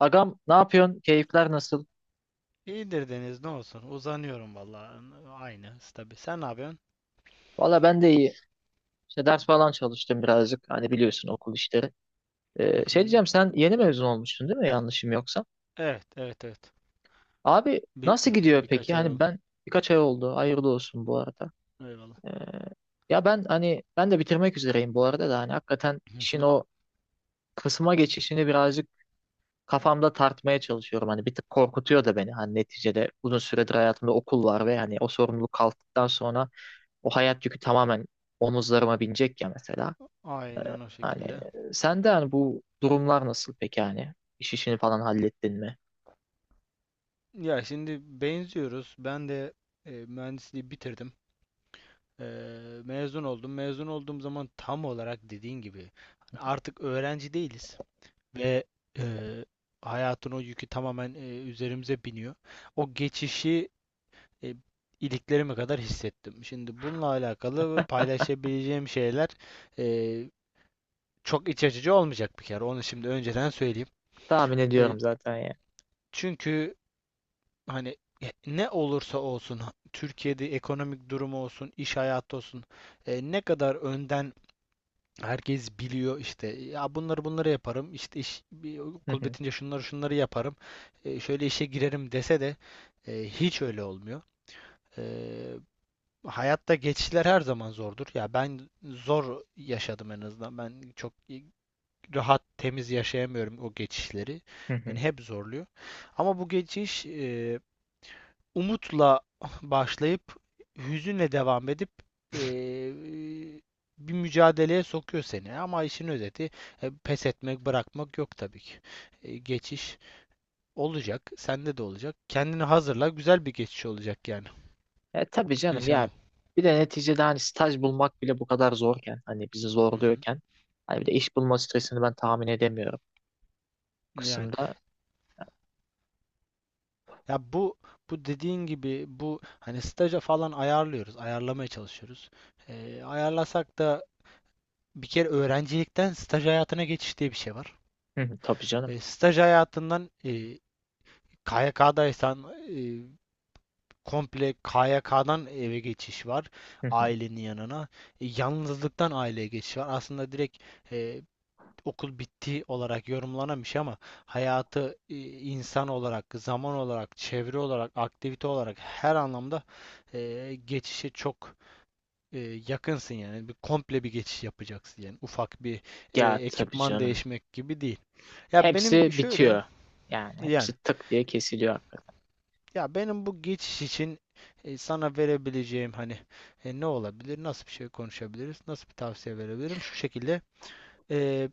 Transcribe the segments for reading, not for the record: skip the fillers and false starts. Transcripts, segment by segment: Agam, ne yapıyorsun? Keyifler nasıl? İyidir Deniz, ne olsun. Uzanıyorum vallahi. Aynı stabil. Sen ne yapıyorsun? Valla ben de iyi. İşte ders falan çalıştım birazcık. Hani biliyorsun, okul işleri. Hı Şey hı. diyeceğim, sen yeni mezun olmuştun değil mi? Yanlışım yoksa. Evet evet evet. Abi Bir nasıl gidiyor peki? birkaç ay Hani oldu. ben birkaç ay oldu. Hayırlı olsun bu arada. Eyvallah. Ee, Ya ben, hani ben de bitirmek üzereyim bu arada da, hani hakikaten Hı işin hı. o kısma geçişini birazcık kafamda tartmaya çalışıyorum. Hani bir tık korkutuyor da beni. Hani neticede uzun süredir hayatımda okul var ve hani o sorumluluk kalktıktan sonra o hayat yükü tamamen omuzlarıma binecek ya, mesela. Aynen o Hani şekilde. sende hani bu durumlar nasıl peki, hani? İş, işini falan hallettin mi? Ya şimdi benziyoruz. Ben de mühendisliği bitirdim. E, Mezun oldum. Mezun olduğum zaman tam olarak dediğin gibi, hani artık öğrenci değiliz ve e, hayatın o yükü tamamen üzerimize biniyor. O geçişi e, iliklerime kadar hissettim. Şimdi bununla alakalı paylaşabileceğim şeyler e, çok iç açıcı olmayacak bir kere. Onu şimdi önceden söyleyeyim. Tahmin E, ediyorum zaten ya. Çünkü hani ne olursa olsun Türkiye'de ekonomik durumu olsun, iş hayatı olsun, ne kadar önden herkes biliyor işte, ya bunları bunları yaparım, işte iş bir Hı okul hı, bitince şunları şunları yaparım, şöyle işe girerim dese de hiç öyle olmuyor. E, Hayatta geçişler her zaman zordur. Ya ben zor yaşadım en azından. Ben çok rahat, temiz yaşayamıyorum o geçişleri. hı Beni hı. hep zorluyor. Ama bu geçiş umutla başlayıp hüzünle devam edip e, bir mücadeleye sokuyor seni. Ama işin özeti, pes etmek, bırakmak yok tabii ki. Geçiş olacak, sende de olacak. Kendini hazırla, güzel bir geçiş olacak yani. E tabii canım ya. İnşallah. Bir de neticede hani staj bulmak bile bu kadar zorken, hani bizi Hı hı. zorluyorken, hani bir de iş bulma stresini ben tahmin edemiyorum bu Yani. kısımda. Ya bu dediğin gibi, bu hani staja falan ayarlıyoruz, ayarlamaya çalışıyoruz. Ayarlasak da bir kere öğrencilikten staj hayatına geçiş diye bir şey var. Hı hı, tabii canım. Staj hayatından KYK'daysan, e, komple KYK'dan eve geçiş var, Hı hı. ailenin yanına. Yalnızlıktan aileye geçiş var. Aslında direkt e, okul bitti olarak yorumlanamış ama hayatı, insan olarak, zaman olarak, çevre olarak, aktivite olarak her anlamda geçişe çok e, yakınsın yani. Bir komple bir geçiş yapacaksın yani. Ufak bir Ya tabii ekipman canım. değişmek gibi değil. Ya benim Hepsi şöyle bitiyor. Yani yani hepsi tık diye kesiliyor. ya benim bu geçiş için sana verebileceğim, hani ne olabilir? Nasıl bir şey konuşabiliriz? Nasıl bir tavsiye verebilirim? Şu şekilde: e,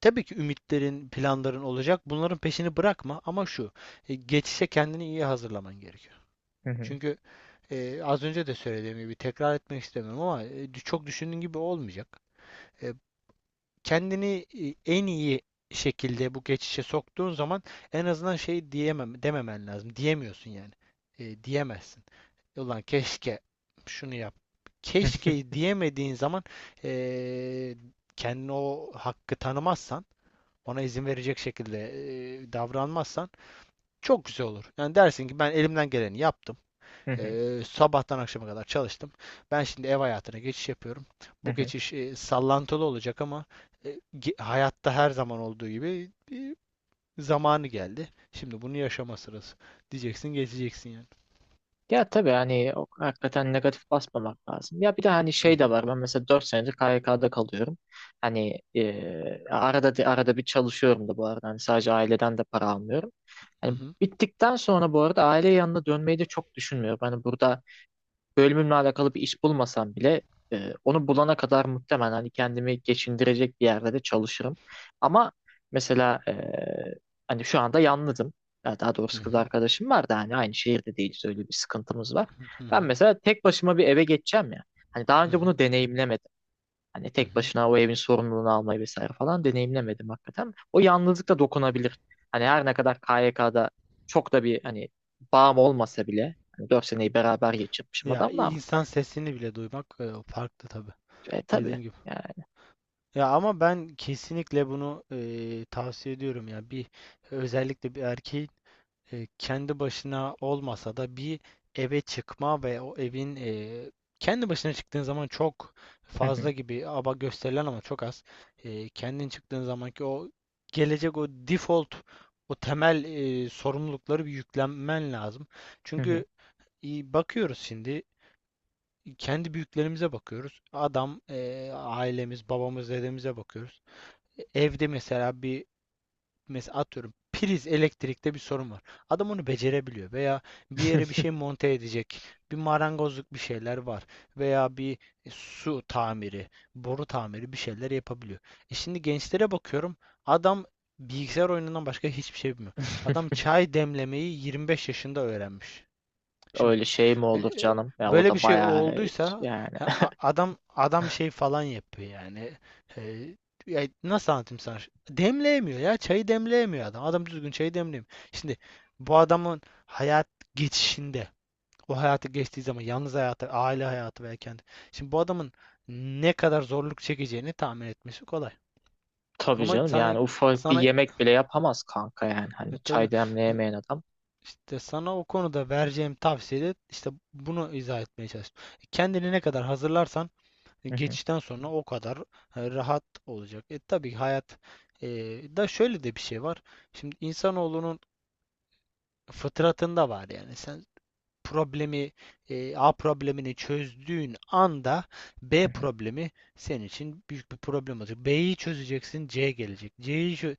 tabii ki ümitlerin, planların olacak. Bunların peşini bırakma ama geçişe kendini iyi hazırlaman gerekiyor. Hı hı. Çünkü az önce de söylediğim gibi, tekrar etmek istemiyorum ama çok düşündüğün gibi olmayacak. E, Kendini en iyi şekilde bu geçişe soktuğun zaman, en azından şey diyemem, dememen lazım. Diyemiyorsun yani. Diyemezsin. "Ulan keşke şunu yap" keşke diyemediğin zaman, e, kendine o hakkı tanımazsan, ona izin verecek şekilde davranmazsan çok güzel olur. Yani dersin ki, ben elimden geleni yaptım. Hı hı, Sabahtan akşama kadar çalıştım. Ben şimdi ev hayatına geçiş yapıyorum. hı Bu hı. geçiş sallantılı olacak ama e, hayatta her zaman olduğu gibi zamanı geldi. Şimdi bunu yaşama sırası. Diyeceksin, geçeceksin yani. Ya tabii hani hakikaten negatif basmamak lazım. Ya bir de hani Hı şey de hı, var. Ben mesela dört senedir KYK'da kalıyorum. Hani arada arada bir çalışıyorum da bu arada. Hani sadece aileden de para almıyorum. hı Hani hı, bittikten sonra bu arada aile yanına dönmeyi de çok düşünmüyorum. Hani burada bölümümle alakalı bir iş bulmasam bile onu bulana kadar muhtemelen hani kendimi geçindirecek bir yerde de çalışırım. Ama mesela hani şu anda yalnızım. Ya daha hı doğrusu kız hı, arkadaşım var da hani aynı şehirde değiliz, öyle bir sıkıntımız var. hı Ben hı, mesela tek başıma bir eve geçeceğim ya. Hani daha hı önce hı, bunu deneyimlemedim. Hani hı tek hı. başına o evin sorumluluğunu almayı vesaire falan deneyimlemedim hakikaten. O yalnızlık da dokunabilir. Hani her ne kadar KYK'da çok da bir hani bağım olmasa bile, hani 4 seneyi beraber geçirmişim Ya adamla. insan sesini bile duymak farklı tabii. E tabii. Dediğin gibi. Yani Ya ama ben kesinlikle bunu tavsiye ediyorum ya. Bir özellikle bir erkeğin kendi başına olmasa da bir eve çıkma ve o evin, kendi başına çıktığın zaman çok fazla gibi ama gösterilen ama çok az. Kendin çıktığın zamanki o gelecek, o default, o temel sorumlulukları bir yüklenmen lazım. Çünkü bakıyoruz şimdi, kendi büyüklerimize bakıyoruz. Adam, ailemiz, babamız, dedemize bakıyoruz, evde mesela bir mesela atıyorum, priz elektrikte bir sorun var. Adam onu becerebiliyor, veya bir yere bir şey monte edecek, bir marangozluk bir şeyler var veya bir su tamiri, boru tamiri bir şeyler yapabiliyor. Şimdi gençlere bakıyorum. Adam bilgisayar oyunundan başka hiçbir şey bilmiyor. Adam çay demlemeyi 25 yaşında öğrenmiş. Şimdi öyle şey mi olur e, canım? Ya o böyle bir da şey bayağı olduysa yani ya adam şey falan yapıyor yani. E, Ya nasıl anlatayım sana? Demleyemiyor ya. Çayı demleyemiyor adam. Adam düzgün çayı demleyemiyor. Şimdi bu adamın hayat geçişinde, o hayatı geçtiği zaman, yalnız hayatı, aile hayatı veya kendi. Şimdi bu adamın ne kadar zorluk çekeceğini tahmin etmesi kolay. tabii Ama canım. sana Yani ufak bir sana yemek bile yapamaz kanka, yani. e, Hani tabii çay demleyemeyen adam. işte sana o konuda vereceğim tavsiyede işte bunu izah etmeye çalıştım. Kendini ne kadar hazırlarsan geçişten sonra o kadar rahat olacak. Tabii hayat e, da şöyle de bir şey var. Şimdi insanoğlunun fıtratında var yani. Sen problemi A problemini çözdüğün anda B problemi senin için büyük bir problem olacak. B'yi çözeceksin, C gelecek.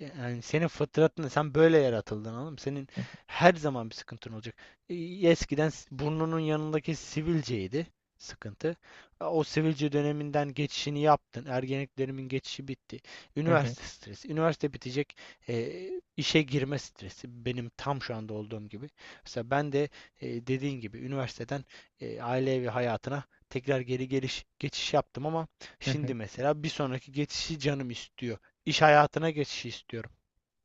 Yani senin fıtratın, sen böyle yaratıldın oğlum. Senin her zaman bir sıkıntın olacak. E, Eskiden burnunun yanındaki sivilceydi sıkıntı. O sivilce döneminden geçişini yaptın. Ergenlik dönemimin geçişi bitti. Üniversite stresi. Üniversite bitecek. E, işe girme stresi. Benim tam şu anda olduğum gibi. Mesela ben de dediğin gibi üniversiteden aile evi hayatına tekrar geri geliş geçiş yaptım ama şimdi mesela bir sonraki geçişi canım istiyor. İş hayatına geçişi istiyorum.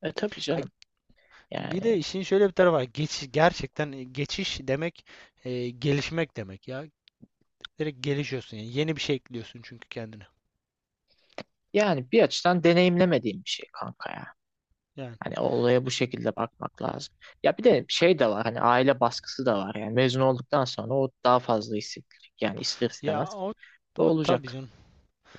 E tabii Ha, canım. bir Yani de işin şöyle bir tarafı var. Geçiş, gerçekten geçiş demek gelişmek demek ya. Direkt gelişiyorsun yani. Yeni bir şey ekliyorsun çünkü kendine. yani bir açıdan deneyimlemediğim bir şey kanka ya. Yani Hani olaya bu şekilde bakmak lazım. Ya bir de şey de var, hani aile baskısı da var yani. Mezun olduktan sonra o daha fazla hissedilir. Yani ister ya istemez o, bu o tabii olacak. canım.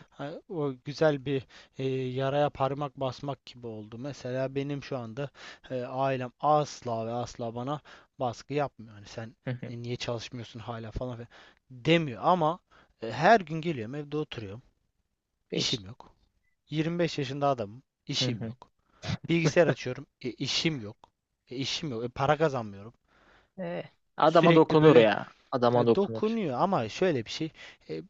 Ha, o güzel bir yaraya parmak basmak gibi oldu. Mesela benim şu anda ailem asla ve asla bana baskı yapmıyor. Hani "sen Hı hı. Niye çalışmıyorsun hala falan filan" demiyor ama her gün geliyorum, evde oturuyorum. Beş. İşim yok. 25 yaşında adamım. Hı İşim hı. yok. Bilgisayar açıyorum. İşim yok. İşim yok. Para kazanmıyorum. Eh, Adama Sürekli dokunur böyle ya. Adama dokunur. dokunuyor ama şöyle bir şey. e,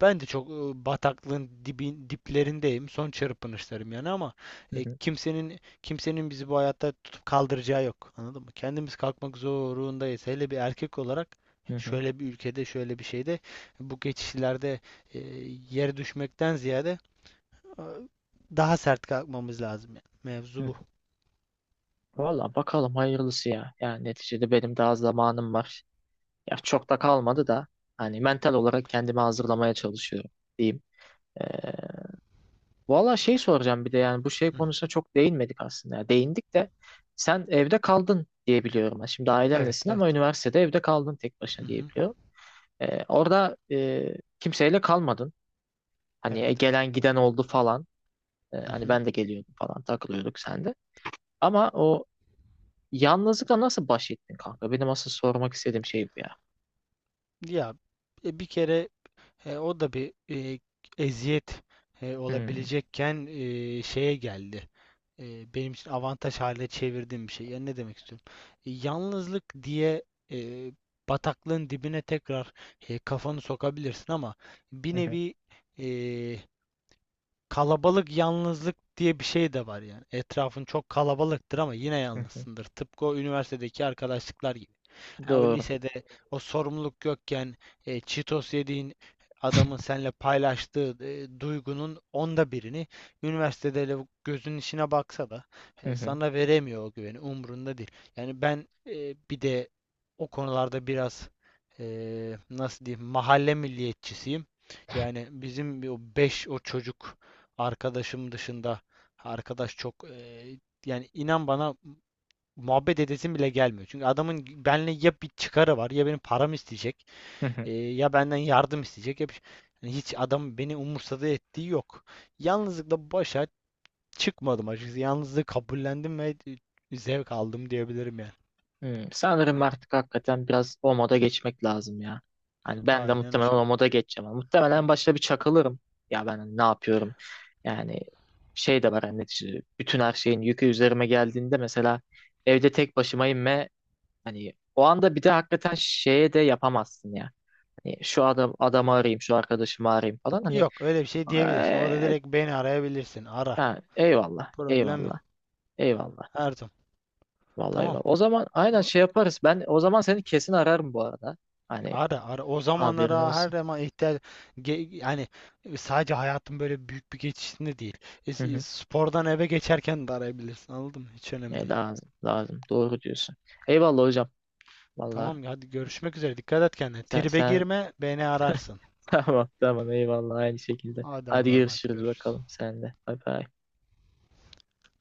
Ben de çok bataklığın diplerindeyim. Son çırpınışlarım yani ama Hı hı. kimsenin bizi bu hayatta tutup kaldıracağı yok. Anladın mı? Kendimiz kalkmak zorundayız. Hele bir erkek olarak Hı hı. şöyle bir ülkede, şöyle bir şeyde, bu geçişlerde e, yere düşmekten ziyade, Ee, daha sert kalkmamız lazım yani. Hı Mevzu hı. bu. Valla bakalım hayırlısı ya. Yani neticede benim daha zamanım var. Ya çok da kalmadı da hani mental olarak kendimi hazırlamaya çalışıyorum, diyeyim. Eh, Valla şey soracağım bir de, yani bu şey Hı. konusuna çok değinmedik aslında ya. Değindik de sen evde kaldın diye biliyorum ben. Şimdi Evet, ailenlesin evet. ama üniversitede evde kaldın tek Hı başına diye hı. biliyorum. Orada kimseyle kalmadın. Hani Evet. gelen giden oldu falan. Hı Hani hı. ben de geliyordum falan, takılıyorduk sen de. Ama o yalnızlıkla nasıl baş ettin kanka? Benim asıl sormak istediğim şey bu ya. Ya bir kere o da bir eziyet Hmm. olabilecekken şeye geldi. Benim için avantaj haline çevirdiğim bir şey. Yani ne demek istiyorum? Yalnızlık diye e, bataklığın dibine tekrar kafanı sokabilirsin ama bir Hı hı, nevi, e, kalabalık yalnızlık diye bir şey de var yani. Etrafın çok kalabalıktır ama yine hı hı. yalnızsındır. Tıpkı o üniversitedeki arkadaşlıklar gibi. Ha, o Doğru. lisede o sorumluluk yokken Cheetos yediğin adamın seninle paylaştığı duygunun onda birini üniversitede gözünün içine baksa da Hı hı, sana veremiyor o güveni. Umrunda değil. Yani ben bir de o konularda biraz e, nasıl diyeyim, mahalle milliyetçisiyim. Yani bizim bir o 5 o çocuk arkadaşım dışında arkadaş çok, yani inan bana, muhabbet edesim bile gelmiyor. Çünkü adamın benimle ya bir çıkarı var, ya benim param isteyecek, hı hı. Ya benden yardım isteyecek. Ya bir, şey. Yani hiç adam beni umursadığı ettiği yok. Yalnızlıkla başa çıkmadım açıkçası. Yalnızlığı kabullendim ve zevk aldım diyebilirim yani. Hmm, sanırım artık hakikaten biraz o moda geçmek lazım ya. Hani ben de Aynen o muhtemelen o şekilde. moda geçeceğim. Muhtemelen başta bir çakılırım. Ya ben hani ne yapıyorum? Yani şey de var, hani neticede bütün her şeyin yükü üzerime geldiğinde mesela evde tek başımayım ve hani o anda bir de hakikaten şeye de yapamazsın ya. Hani şu adamı arayayım, şu arkadaşımı arayayım falan, hani Yok, öyle bir şey diyebilirsin. Orada eee, direkt beni arayabilirsin. Ara. ha, eyvallah, Problem eyvallah, yok. eyvallah. Her zaman. Vallahi Tamam. eyvallah. O zaman aynen şey yaparız. Ben o zaman seni kesin ararım bu arada. Hani Ara ara o haberin zamanlara her olsun. zaman ihtiyaç yani, sadece hayatın böyle büyük bir geçişinde değil. Hı hı. Spordan eve geçerken de arayabilirsin. Anladın mı? Hiç önemli E, değil. lazım, lazım. Doğru diyorsun. Eyvallah hocam. Vallahi Tamam hadi, görüşmek üzere. Dikkat et kendine. sen, Tribe sen... girme, beni ararsın. Tamam, tamam. Eyvallah. Aynı şekilde. Hadi Hadi Allah'a emanet, görüşürüz görüşürüz. bakalım sen de. Bay bay.